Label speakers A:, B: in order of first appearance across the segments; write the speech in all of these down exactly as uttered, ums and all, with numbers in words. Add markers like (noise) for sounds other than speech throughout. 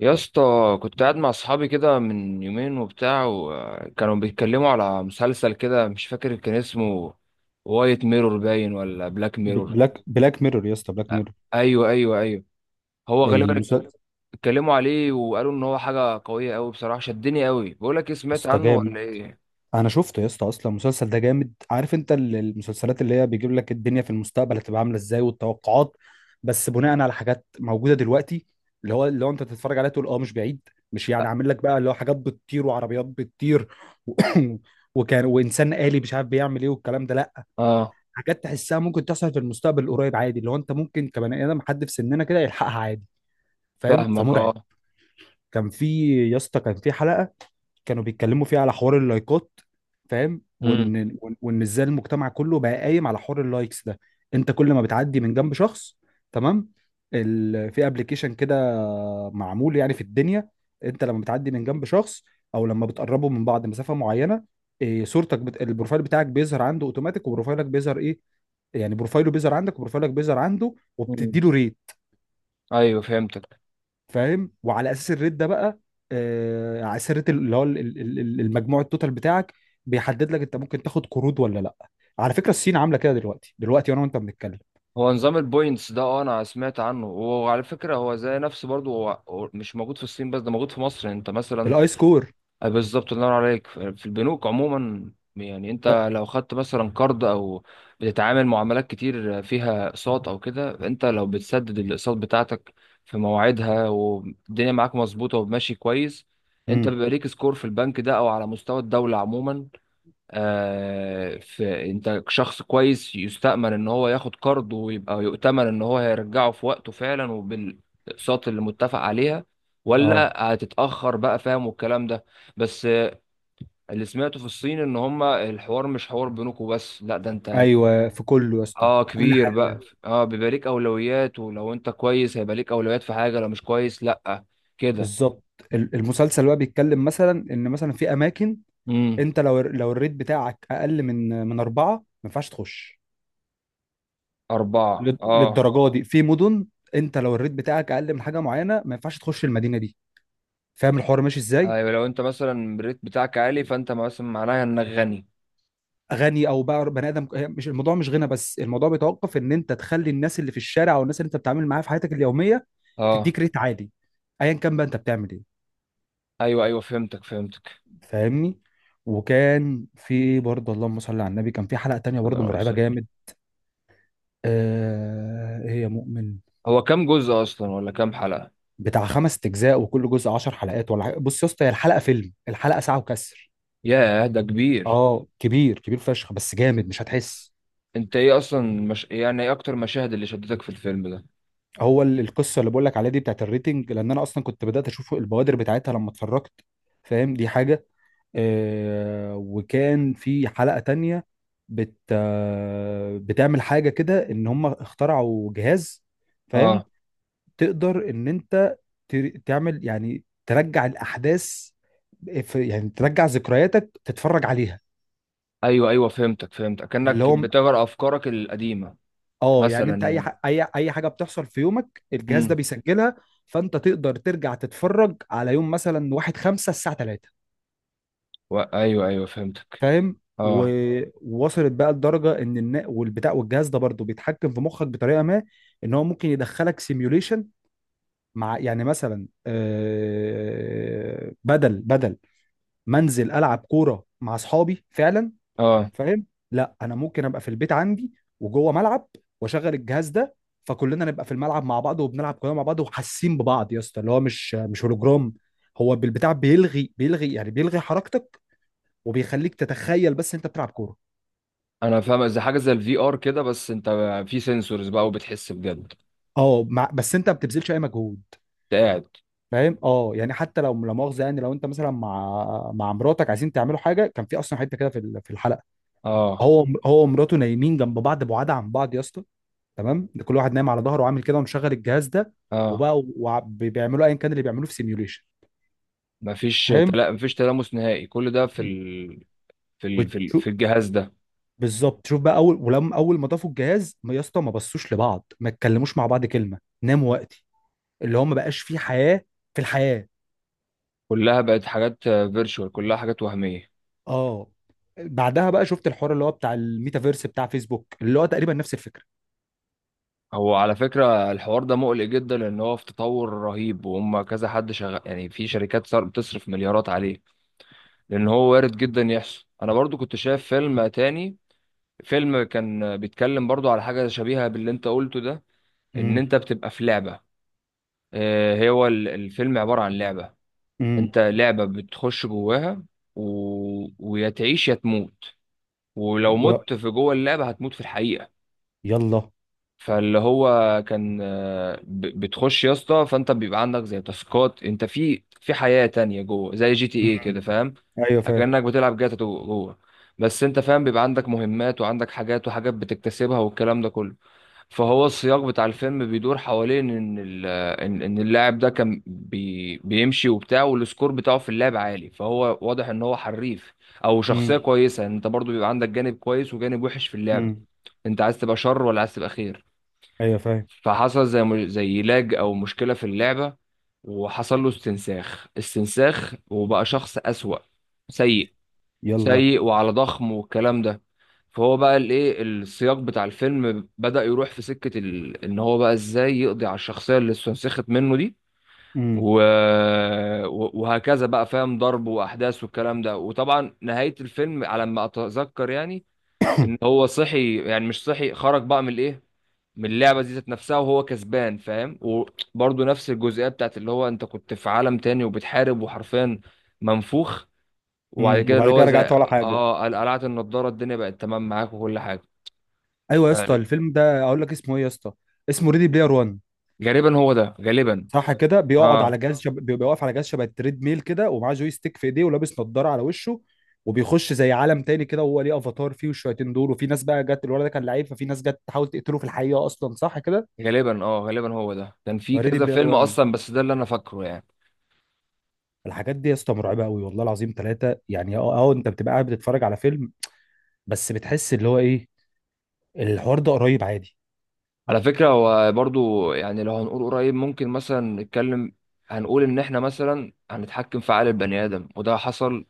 A: يا اسطى، كنت قاعد مع اصحابي كده من يومين وبتاع، وكانوا بيتكلموا على مسلسل كده مش فاكر كان اسمه. وايت ميرور باين ولا بلاك ميرور؟
B: بلاك بلاك ميرور يا اسطى، بلاك ميرور.
A: ايوه، ايوه، ايوه. هو غالبا
B: المسلسل
A: اتكلموا عليه وقالوا ان هو حاجه قويه قوي، بصراحه شدني قوي. بقول لك ايه، سمعت
B: ده
A: عنه
B: جامد.
A: ولا ايه؟
B: انا شفته يا اسطى، اصلا المسلسل ده جامد. عارف انت ال- المسلسلات اللي هي بيجيب لك الدنيا في المستقبل هتبقى عامله ازاي، والتوقعات بس بناء على حاجات موجوده دلوقتي، اللي هو اللي هو انت تتفرج عليها تقول اه، مش بعيد. مش يعني عامل لك بقى اللي هو حاجات بتطير وعربيات بتطير و... (coughs) وكان وانسان آلي مش عارف بيعمل ايه والكلام ده، لا.
A: اه.
B: حاجات تحسها ممكن تحصل في المستقبل القريب عادي، اللي هو انت ممكن كبني ادم حد في سننا كده يلحقها عادي. فاهم،
A: فاهمك،
B: فمرعب.
A: اه.
B: كان في، يا اسطى، كان في حلقه كانوا بيتكلموا فيه على حوار اللايكات، فاهم؟
A: امم.
B: وان وان وإن ازاي المجتمع كله بقى قايم على حوار اللايكس ده. انت كل ما بتعدي من جنب شخص، تمام، ال... في ابلكيشن كده معمول يعني في الدنيا، انت لما بتعدي من جنب شخص او لما بتقربوا من بعض مسافة معينة، إيه، صورتك بت... البروفايل بتاعك بيظهر عنده اوتوماتيك، وبروفايلك بيظهر ايه يعني، بروفايله بيظهر عندك وبروفايلك بيظهر عنده وبتدي
A: أمم.
B: له ريت.
A: ايوه، فهمتك.
B: فاهم؟ وعلى اساس الريت ده بقى، آه، على اساس الريت، اللي هو ال- ال- ال- المجموع التوتال بتاعك بيحدد لك انت ممكن تاخد قروض ولا لا. على فكره الصين عامله كده دلوقتي، دلوقتي وانا وانت بنتكلم.
A: هو نظام البوينتس ده، اه انا سمعت عنه، وعلى فكره هو زي نفسه برضو. هو هو مش موجود في الصين بس، ده موجود في مصر، انت مثلا.
B: الاي سكور.
A: آه، بالظبط، الله ينور عليك. ف- في البنوك عموما، يعني
B: ب...
A: انت لو خدت مثلا قرض او بتتعامل معاملات كتير فيها اقساط او كده، انت لو بتسدد الاقساط بتاعتك في مواعيدها والدنيا معاك مظبوطه وماشي كويس، انت
B: مم.
A: بيبقى ليك سكور في البنك ده او على مستوى الدوله عموما. آه، في، انت شخص كويس يستأمن ان هو ياخد قرض، ويبقى يؤتمن ان هو هيرجعه في وقته فعلا وبالاقساط اللي متفق عليها
B: اه،
A: ولا هتتأخر بقى، فاهم، والكلام ده. بس آه، اللي سمعته في الصين ان هما الحوار مش حوار بينكم بس، لا ده انت.
B: ايوه، في كله يا اسطى،
A: اه،
B: في كل
A: كبير بقى.
B: حاجه.
A: اه، بيبقى ليك اولويات، ولو انت كويس هيبقى ليك اولويات في حاجة، لو مش كويس لا، كده.
B: بالظبط. ال- المسلسل بقى بيتكلم مثلا ان مثلا في اماكن،
A: امم.
B: انت لو لو الريت بتاعك اقل من من اربعه ما ينفعش تخش
A: اربعة،
B: لل-
A: اه.
B: للدرجه دي. في مدن انت لو الريت بتاعك اقل من حاجه معينه ما ينفعش تخش المدينه دي، فاهم الحوار ماشي ازاي؟
A: ايوه لو انت مثلا الريت بتاعك عالي، فانت مثلا معناها انك غني.
B: غني او بقى بني ادم، هي مش الموضوع، مش غنى بس، الموضوع بيتوقف ان انت تخلي الناس اللي في الشارع او الناس اللي انت بتتعامل معاها في حياتك اليوميه
A: اه،
B: تديك ريت عالي، ايا كان بقى انت بتعمل ايه.
A: ايوه، ايوه، فهمتك، فهمتك.
B: فاهمني؟ وكان في برضه، اللهم صل على النبي، كان في حلقه تانية
A: صلى
B: برضه
A: الله عليه
B: مرعبه
A: وسلم.
B: جامد. آه، هي مؤمن.
A: هو كام جزء اصلا، ولا كام حلقة؟
B: بتاع خمس اجزاء وكل جزء عشر حلقات ولا حاجة. بص يا اسطى، هي الحلقه فيلم، الحلقه ساعه وكسر.
A: ياه، ده كبير.
B: اه، كبير كبير فشخ، بس جامد مش هتحس.
A: انت ايه اصلا، مش يعني ايه اكتر مشاهد اللي شدتك في الفيلم ده؟
B: هو ال- القصه اللي بقول لك عليها دي بتاعت الريتنج، لان انا اصلا كنت بدات اشوف البوادر بتاعتها لما اتفرجت، فاهم؟ دي حاجه. آه، وكان في حلقه تانية بت آه بتعمل حاجه كده، ان هم اخترعوا جهاز، فاهم؟
A: اه،
B: تقدر ان انت تر- تعمل يعني، ترجع الاحداث، في يعني، ترجع ذكرياتك تتفرج عليها.
A: ايوه، ايوه، فهمتك، فهمتك،
B: اللي
A: كأنك
B: هو،
A: بتغير افكارك القديمة.
B: اه يعني،
A: مثلا
B: انت اي
A: يعني.
B: ح... اي اي حاجه بتحصل في يومك الجهاز ده
A: امم.
B: بيسجلها، فانت تقدر ترجع تتفرج على يوم مثلا واحد خمسة الساعه ثلاثة،
A: و... ايوه، ايوه، فهمتك.
B: فاهم؟
A: اه
B: و- ووصلت بقى لدرجه ان النا... والبتاع، والجهاز ده برضه بيتحكم في مخك بطريقه ما، ان هو ممكن يدخلك سيميوليشن مع، يعني مثلا آه، بدل بدل منزل العب كوره مع اصحابي فعلا،
A: اه
B: فاهم؟ لا، انا ممكن ابقى في البيت عندي وجوه ملعب، واشغل الجهاز ده فكلنا نبقى في الملعب مع بعض وبنلعب كلنا مع بعض وحاسين ببعض يا اسطى، اللي هو مش مش هولوجرام، هو بالبتاع بيلغي بيلغي يعني بيلغي حركتك وبيخليك تتخيل بس انت بتلعب كوره.
A: انا فاهم زي حاجة زي الفي ار كده بس انت في سنسورز بقى وبتحس بجد انت
B: اه، مع بس انت ما بتبذلش اي مجهود،
A: قاعد
B: فاهم؟ اه يعني حتى لو، لا مؤاخذه يعني، لو انت مثلا مع مع مراتك عايزين تعملوا حاجه، كان في اصلا حته كده في ال- في الحلقه،
A: اه
B: هو هو ومراته نايمين جنب بعض، بعاد عن بعض يا اسطى، تمام؟ ده كل واحد نايم على ظهره وعامل كده ومشغل الجهاز ده،
A: اه.
B: وبقى وع- بيعملوا ايا كان اللي بيعملوه في سيميوليشن.
A: مفيش
B: فاهم؟
A: تلا... مفيش تلامس نهائي، كل ده في ال... في ال... في ال...
B: وتشوف،
A: في الجهاز ده.
B: بالظبط. شوف بقى، اول ولما اول ما ضافوا الجهاز، ما- يا اسطى، ما بصوش لبعض، ما اتكلموش مع بعض كلمه، ناموا وقتي، اللي هو ما بقاش فيه حياه في الحياه.
A: كلها بقت حاجات فيرتشوال، كلها حاجات وهمية.
B: اه. بعدها بقى شفت الحوار اللي هو بتاع الميتافيرس بتاع فيسبوك اللي هو تقريبا نفس الفكره.
A: هو على فكرة الحوار ده مقلق جدا، لأن هو في تطور رهيب، وهم كذا حد شغال يعني، في شركات صار بتصرف مليارات عليه، لأن هو وارد جدا يحصل. أنا برضو كنت شايف فيلم تاني، فيلم كان بيتكلم برضو على حاجة شبيهة باللي أنت قلته ده. إن
B: امم.
A: أنت بتبقى في لعبة. آه، هو ال- الفيلم عبارة عن لعبة،
B: امم.
A: أنت لعبة بتخش جواها. و... ويا تعيش يا تموت، ولو
B: ولا.
A: مت في جوه اللعبة هتموت في الحقيقة.
B: يلا.
A: فاللي هو كان آه، ب- بتخش يا اسطى، فانت بيبقى عندك زي تاسكات، انت في في حياة تانية جوه، زي جي تي ايه
B: امم.
A: كده، فاهم؟
B: ايوه فاهم.
A: كأنك بتلعب جاتا تو- جوه، بس انت فاهم بيبقى عندك مهمات، وعندك حاجات وحاجات بتكتسبها والكلام ده كله. فهو السياق بتاع الفيلم بيدور حوالين ان ال- ان إن اللاعب ده كان بي بيمشي وبتاع، والسكور بتاعه في اللعب عالي، فهو واضح ان هو حريف او شخصية
B: امم.
A: كويسة. يعني انت برضو بيبقى عندك جانب كويس وجانب وحش في اللعبة،
B: امم.
A: انت عايز تبقى شر ولا عايز تبقى خير.
B: ايوه فاهم.
A: فحصل زي م- زي لاج او مشكله في اللعبه، وحصل له استنساخ استنساخ، وبقى شخص اسوأ، سيء
B: يلا.
A: سيء وعلى ضخم والكلام ده. فهو بقى الايه، السياق بتاع الفيلم بدأ يروح في سكة ال... ان هو بقى ازاي يقضي على الشخصية اللي استنسخت منه دي.
B: امم.
A: و... و- وهكذا بقى، فاهم، ضرب واحداث والكلام ده. وطبعا نهاية الفيلم على ما اتذكر يعني ان هو صحي، يعني مش صحي، خرج بقى من الايه، من اللعبه دي ذات نفسها وهو كسبان، فاهم. وبرضه نفس الجزئيه بتاعت اللي هو انت كنت في عالم تاني وبتحارب وحرفيا منفوخ، وبعد
B: امم،
A: كده اللي
B: وبعد كده
A: هو زي
B: رجعت ولا حاجه؟
A: اه قل- قلعت النضاره، الدنيا بقت تمام معاك وكل حاجه.
B: ايوه يا اسطى،
A: ف-
B: الفيلم ده اقول لك اسمه ايه يا اسطى؟ اسمه ريدي بلاير وان.
A: غالبا هو ده غالبا.
B: صح كده، بيقعد على
A: اه
B: جهاز شب... بيبقى واقف على جهاز شبه التريد ميل كده ومعاه جوي ستيك في ايديه ولابس نضاره على وشه، وبيخش زي عالم تاني كده، وهو ليه افاتار فيه والشياطين دول، وفي ناس بقى جت، الولد ده كان لعيب ففي ناس جت تحاول تقتله في الحقيقه اصلا، صح كده؟
A: غالبا اه غالبا هو ده كان في
B: ريدي
A: كذا
B: بلاير
A: فيلم
B: وان.
A: اصلا، بس ده اللي انا فاكره يعني.
B: الحاجات دي يا اسطى مرعبه قوي والله العظيم ثلاثه، يعني اه اه انت بتبقى قاعد بتتفرج على فيلم بس بتحس اللي هو ايه، الحوار ده قريب عادي.
A: على فكرة هو برضو، يعني لو هنقول قريب، ممكن مثلا نتكلم، هنقول إن إحنا مثلا هنتحكم في عقل البني آدم، وده حصل.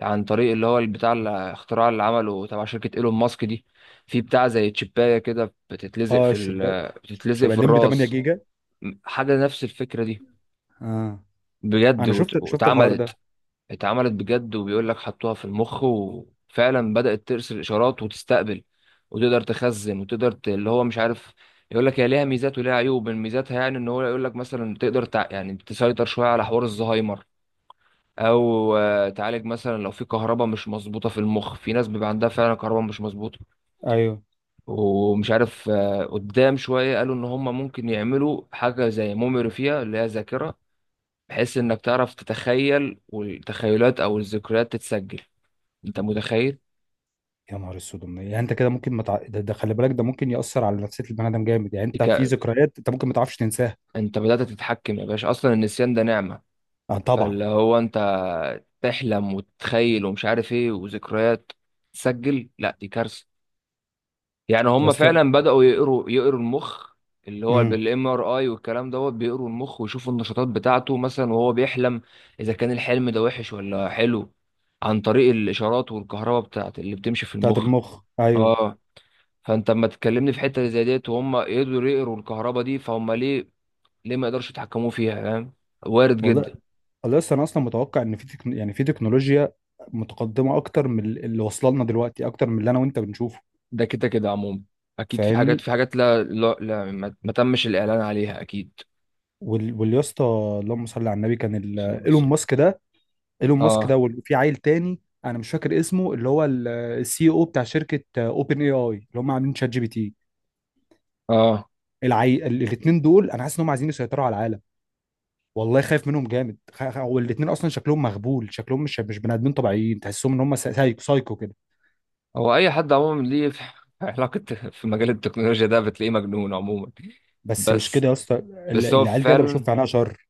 A: عن طريق اللي هو بتاع الاختراع اللي عمله تبع شركة إيلون ماسك دي، في بتاع زي تشيباية كده بتتلزق
B: اه،
A: في
B: الشباب
A: ال بتتلزق
B: شباب
A: في
B: الليمبي تمانية
A: الراس،
B: جيجا.
A: حاجة نفس الفكرة دي.
B: اه،
A: بجد،
B: انا
A: وت-
B: شفت شفت الحوار ده.
A: واتعملت، اتعملت بجد. وبيقول لك حطوها في المخ، وفعلا بدأت ترسل إشارات وتستقبل، وتقدر تخزن وتقدر ت... اللي هو مش عارف. يقول لك هي ليها ميزات وليها عيوب. من ميزاتها يعني ان هو يقول لك مثلا تقدر تع... يعني تسيطر شوية على حوار الزهايمر، او آه، تعالج مثلا لو في كهرباء مش مظبوطة في المخ، في ناس بيبقى عندها فعلا كهرباء مش مظبوطة.
B: ايوه.
A: ومش عارف، آه، قدام شوية قالوا ان هم ممكن يعملوا حاجة زي ميموري فيها، اللي هي ذاكرة، بحيث انك تعرف تتخيل، والتخيلات او الذكريات تتسجل. انت متخيل؟
B: يا نهار اسود، يعني انت كده ممكن ما متع... ده, ده خلي بالك، ده ممكن يأثر على نفسية البني ادم جامد، يعني انت في
A: تك...
B: ذكريات انت ممكن ما تعرفش تنساها.
A: انت بدأت تتحكم يا باشا، اصلا النسيان ده نعمة.
B: اه طبعا.
A: فاللي هو انت تحلم وتتخيل ومش عارف ايه وذكريات تسجل، لا دي كارثة. يعني
B: يا
A: هم
B: اسطى.
A: فعلا بدأوا يقروا يقروا المخ، اللي هو
B: امم.
A: بالام ار اي والكلام دوت، بيقروا المخ ويشوفوا النشاطات بتاعته، مثلا وهو بيحلم، اذا كان الحلم ده وحش ولا حلو، عن طريق الاشارات والكهرباء بتاعت اللي بتمشي في
B: بتاعت
A: المخ.
B: المخ، ايوه.
A: اه. فانت اما تكلمني في حته زي ديت وهم يقدروا يقروا الكهرباء دي، فهم ليه ليه ما يقدرش يتحكموا فيها، فاهم، وارد جدا.
B: والله. والله لسه انا اصلا متوقع ان في تكن... يعني في تكنولوجيا متقدمة اكتر من ال- اللي واصله لنا دلوقتي، اكتر من اللي انا وانت بنشوفه.
A: ده كده كده عموما، اكيد في حاجات
B: فاهمني؟
A: في حاجات لا لا, لا ما ما تمش الاعلان عليها اكيد.
B: وال... واليا اسطى، اللهم صل على النبي، كان ال...
A: صلى الله عليه
B: ايلون
A: وسلم.
B: ماسك ده، ايلون ماسك
A: اه،
B: ده وفي عيل تاني انا مش فاكر اسمه، اللي هو السي او بتاع شركة اوبن اي اي اللي هم عاملين شات جي بي تي.
A: اه.
B: العي... الاثنين دول انا حاسس ان هم عايزين يسيطروا على العالم، والله خايف منهم جامد. خ... خ- هو الاثنين اصلا شكلهم مغبول، شكلهم مش مش بني ادمين طبيعيين، تحسهم ان هم سا- سايكو سايكو كده.
A: هو اي حد عموما ليه في (laughs) علاقه في مجال التكنولوجيا ده بتلاقيه مجنون عموما.
B: بس مش
A: بس
B: كده يا اسطى، ال-
A: بس هو
B: العيال دي انا بشوف
A: فعلا
B: في عينها شر.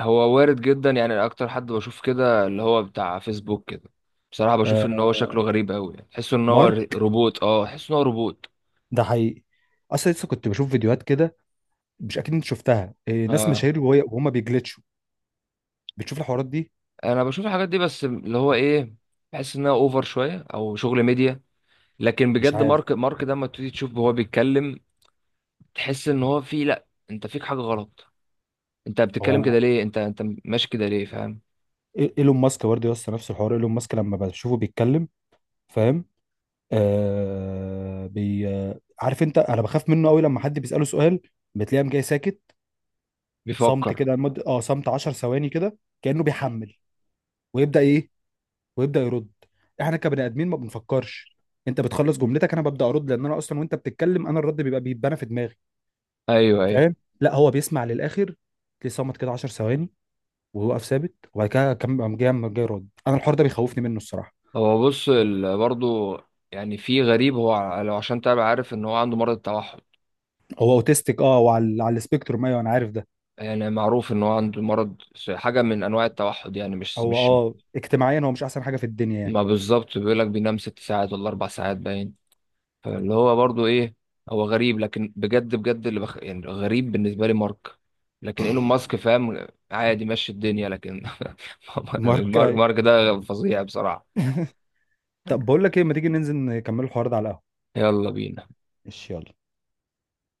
A: هو وارد جدا يعني. اكتر حد بشوف كده اللي هو بتاع فيسبوك كده، بصراحه بشوف ان
B: آه،
A: هو شكله غريب قوي يعني. تحسه ان هو ر-
B: مارك
A: روبوت، اه تحسه ان هو روبوت.
B: ده حقيقي، اصلا لسه كنت بشوف فيديوهات كده، مش اكيد انت شفتها، آه، ناس
A: اه،
B: مشاهير وهي- وهم بيجلتشوا، بتشوف الحوارات دي؟
A: انا بشوف الحاجات دي بس اللي هو ايه، بحس انها اوفر شويه او شغل ميديا. لكن
B: مش
A: بجد،
B: عارف.
A: مارك مارك ده لما تيجي تشوف هو بيتكلم، تحس ان هو فيه، لا انت فيك حاجه غلط. انت
B: هو
A: بتتكلم
B: انا.
A: كده ليه؟ انت انت ماشي كده ليه؟ فاهم؟
B: إي- ايلون ماسك برضه يا اسطى نفس الحوار، ايلون ماسك لما بشوفه بيتكلم، فاهم؟ آه بي آه، عارف انت، انا بخاف منه قوي. لما حد بيساله سؤال بتلاقيه قام جاي ساكت، صمت
A: بيفكر.
B: كده، مد... اه صمت عشر ثواني كده كانه بيحمل، ويبدا ايه، ويبدا يرد. احنا كبني ادمين ما بنفكرش، انت بتخلص جملتك انا ببدا ارد، لان انا اصلا وانت بتتكلم انا الرد بيبقى بيتبنى في دماغي،
A: ايوه، ايوه.
B: فاهم؟ لا، هو بيسمع للاخر، تلاقيه صمت كده عشر ثواني ويوقف ثابت، وبعد كده كم قام جاي قام جاي يرد. انا الحوار ده بيخوفني منه الصراحه.
A: هو بص ال- برضو، يعني في غريب. هو ع- لو عشان تبقى عارف ان هو عنده مرض التوحد،
B: هو اوتيستيك، اه، وعلى على السبيكتروم، ايوه انا عارف ده.
A: يعني معروف ان هو عنده مرض س- حاجه من انواع التوحد، يعني مش
B: هو،
A: مش،
B: اه، اجتماعيا هو مش احسن حاجه في الدنيا يعني.
A: ما بالظبط. بيقول لك بينام ست ساعات ولا اربع ساعات باين. فاللي هو برضو ايه، هو غريب لكن بجد بجد اللي بخ... يعني غريب بالنسبه لي مارك. لكن ايلون ماسك فاهم، عادي، ماشي الدنيا، لكن (laughs) مارك
B: ماركاي.
A: مارك ده فظيع بصراحه.
B: طب بقول لك ايه، ما تيجي ننزل نكمل الحوار ده على القهوة.
A: يلا بينا.
B: ماشي، يلا.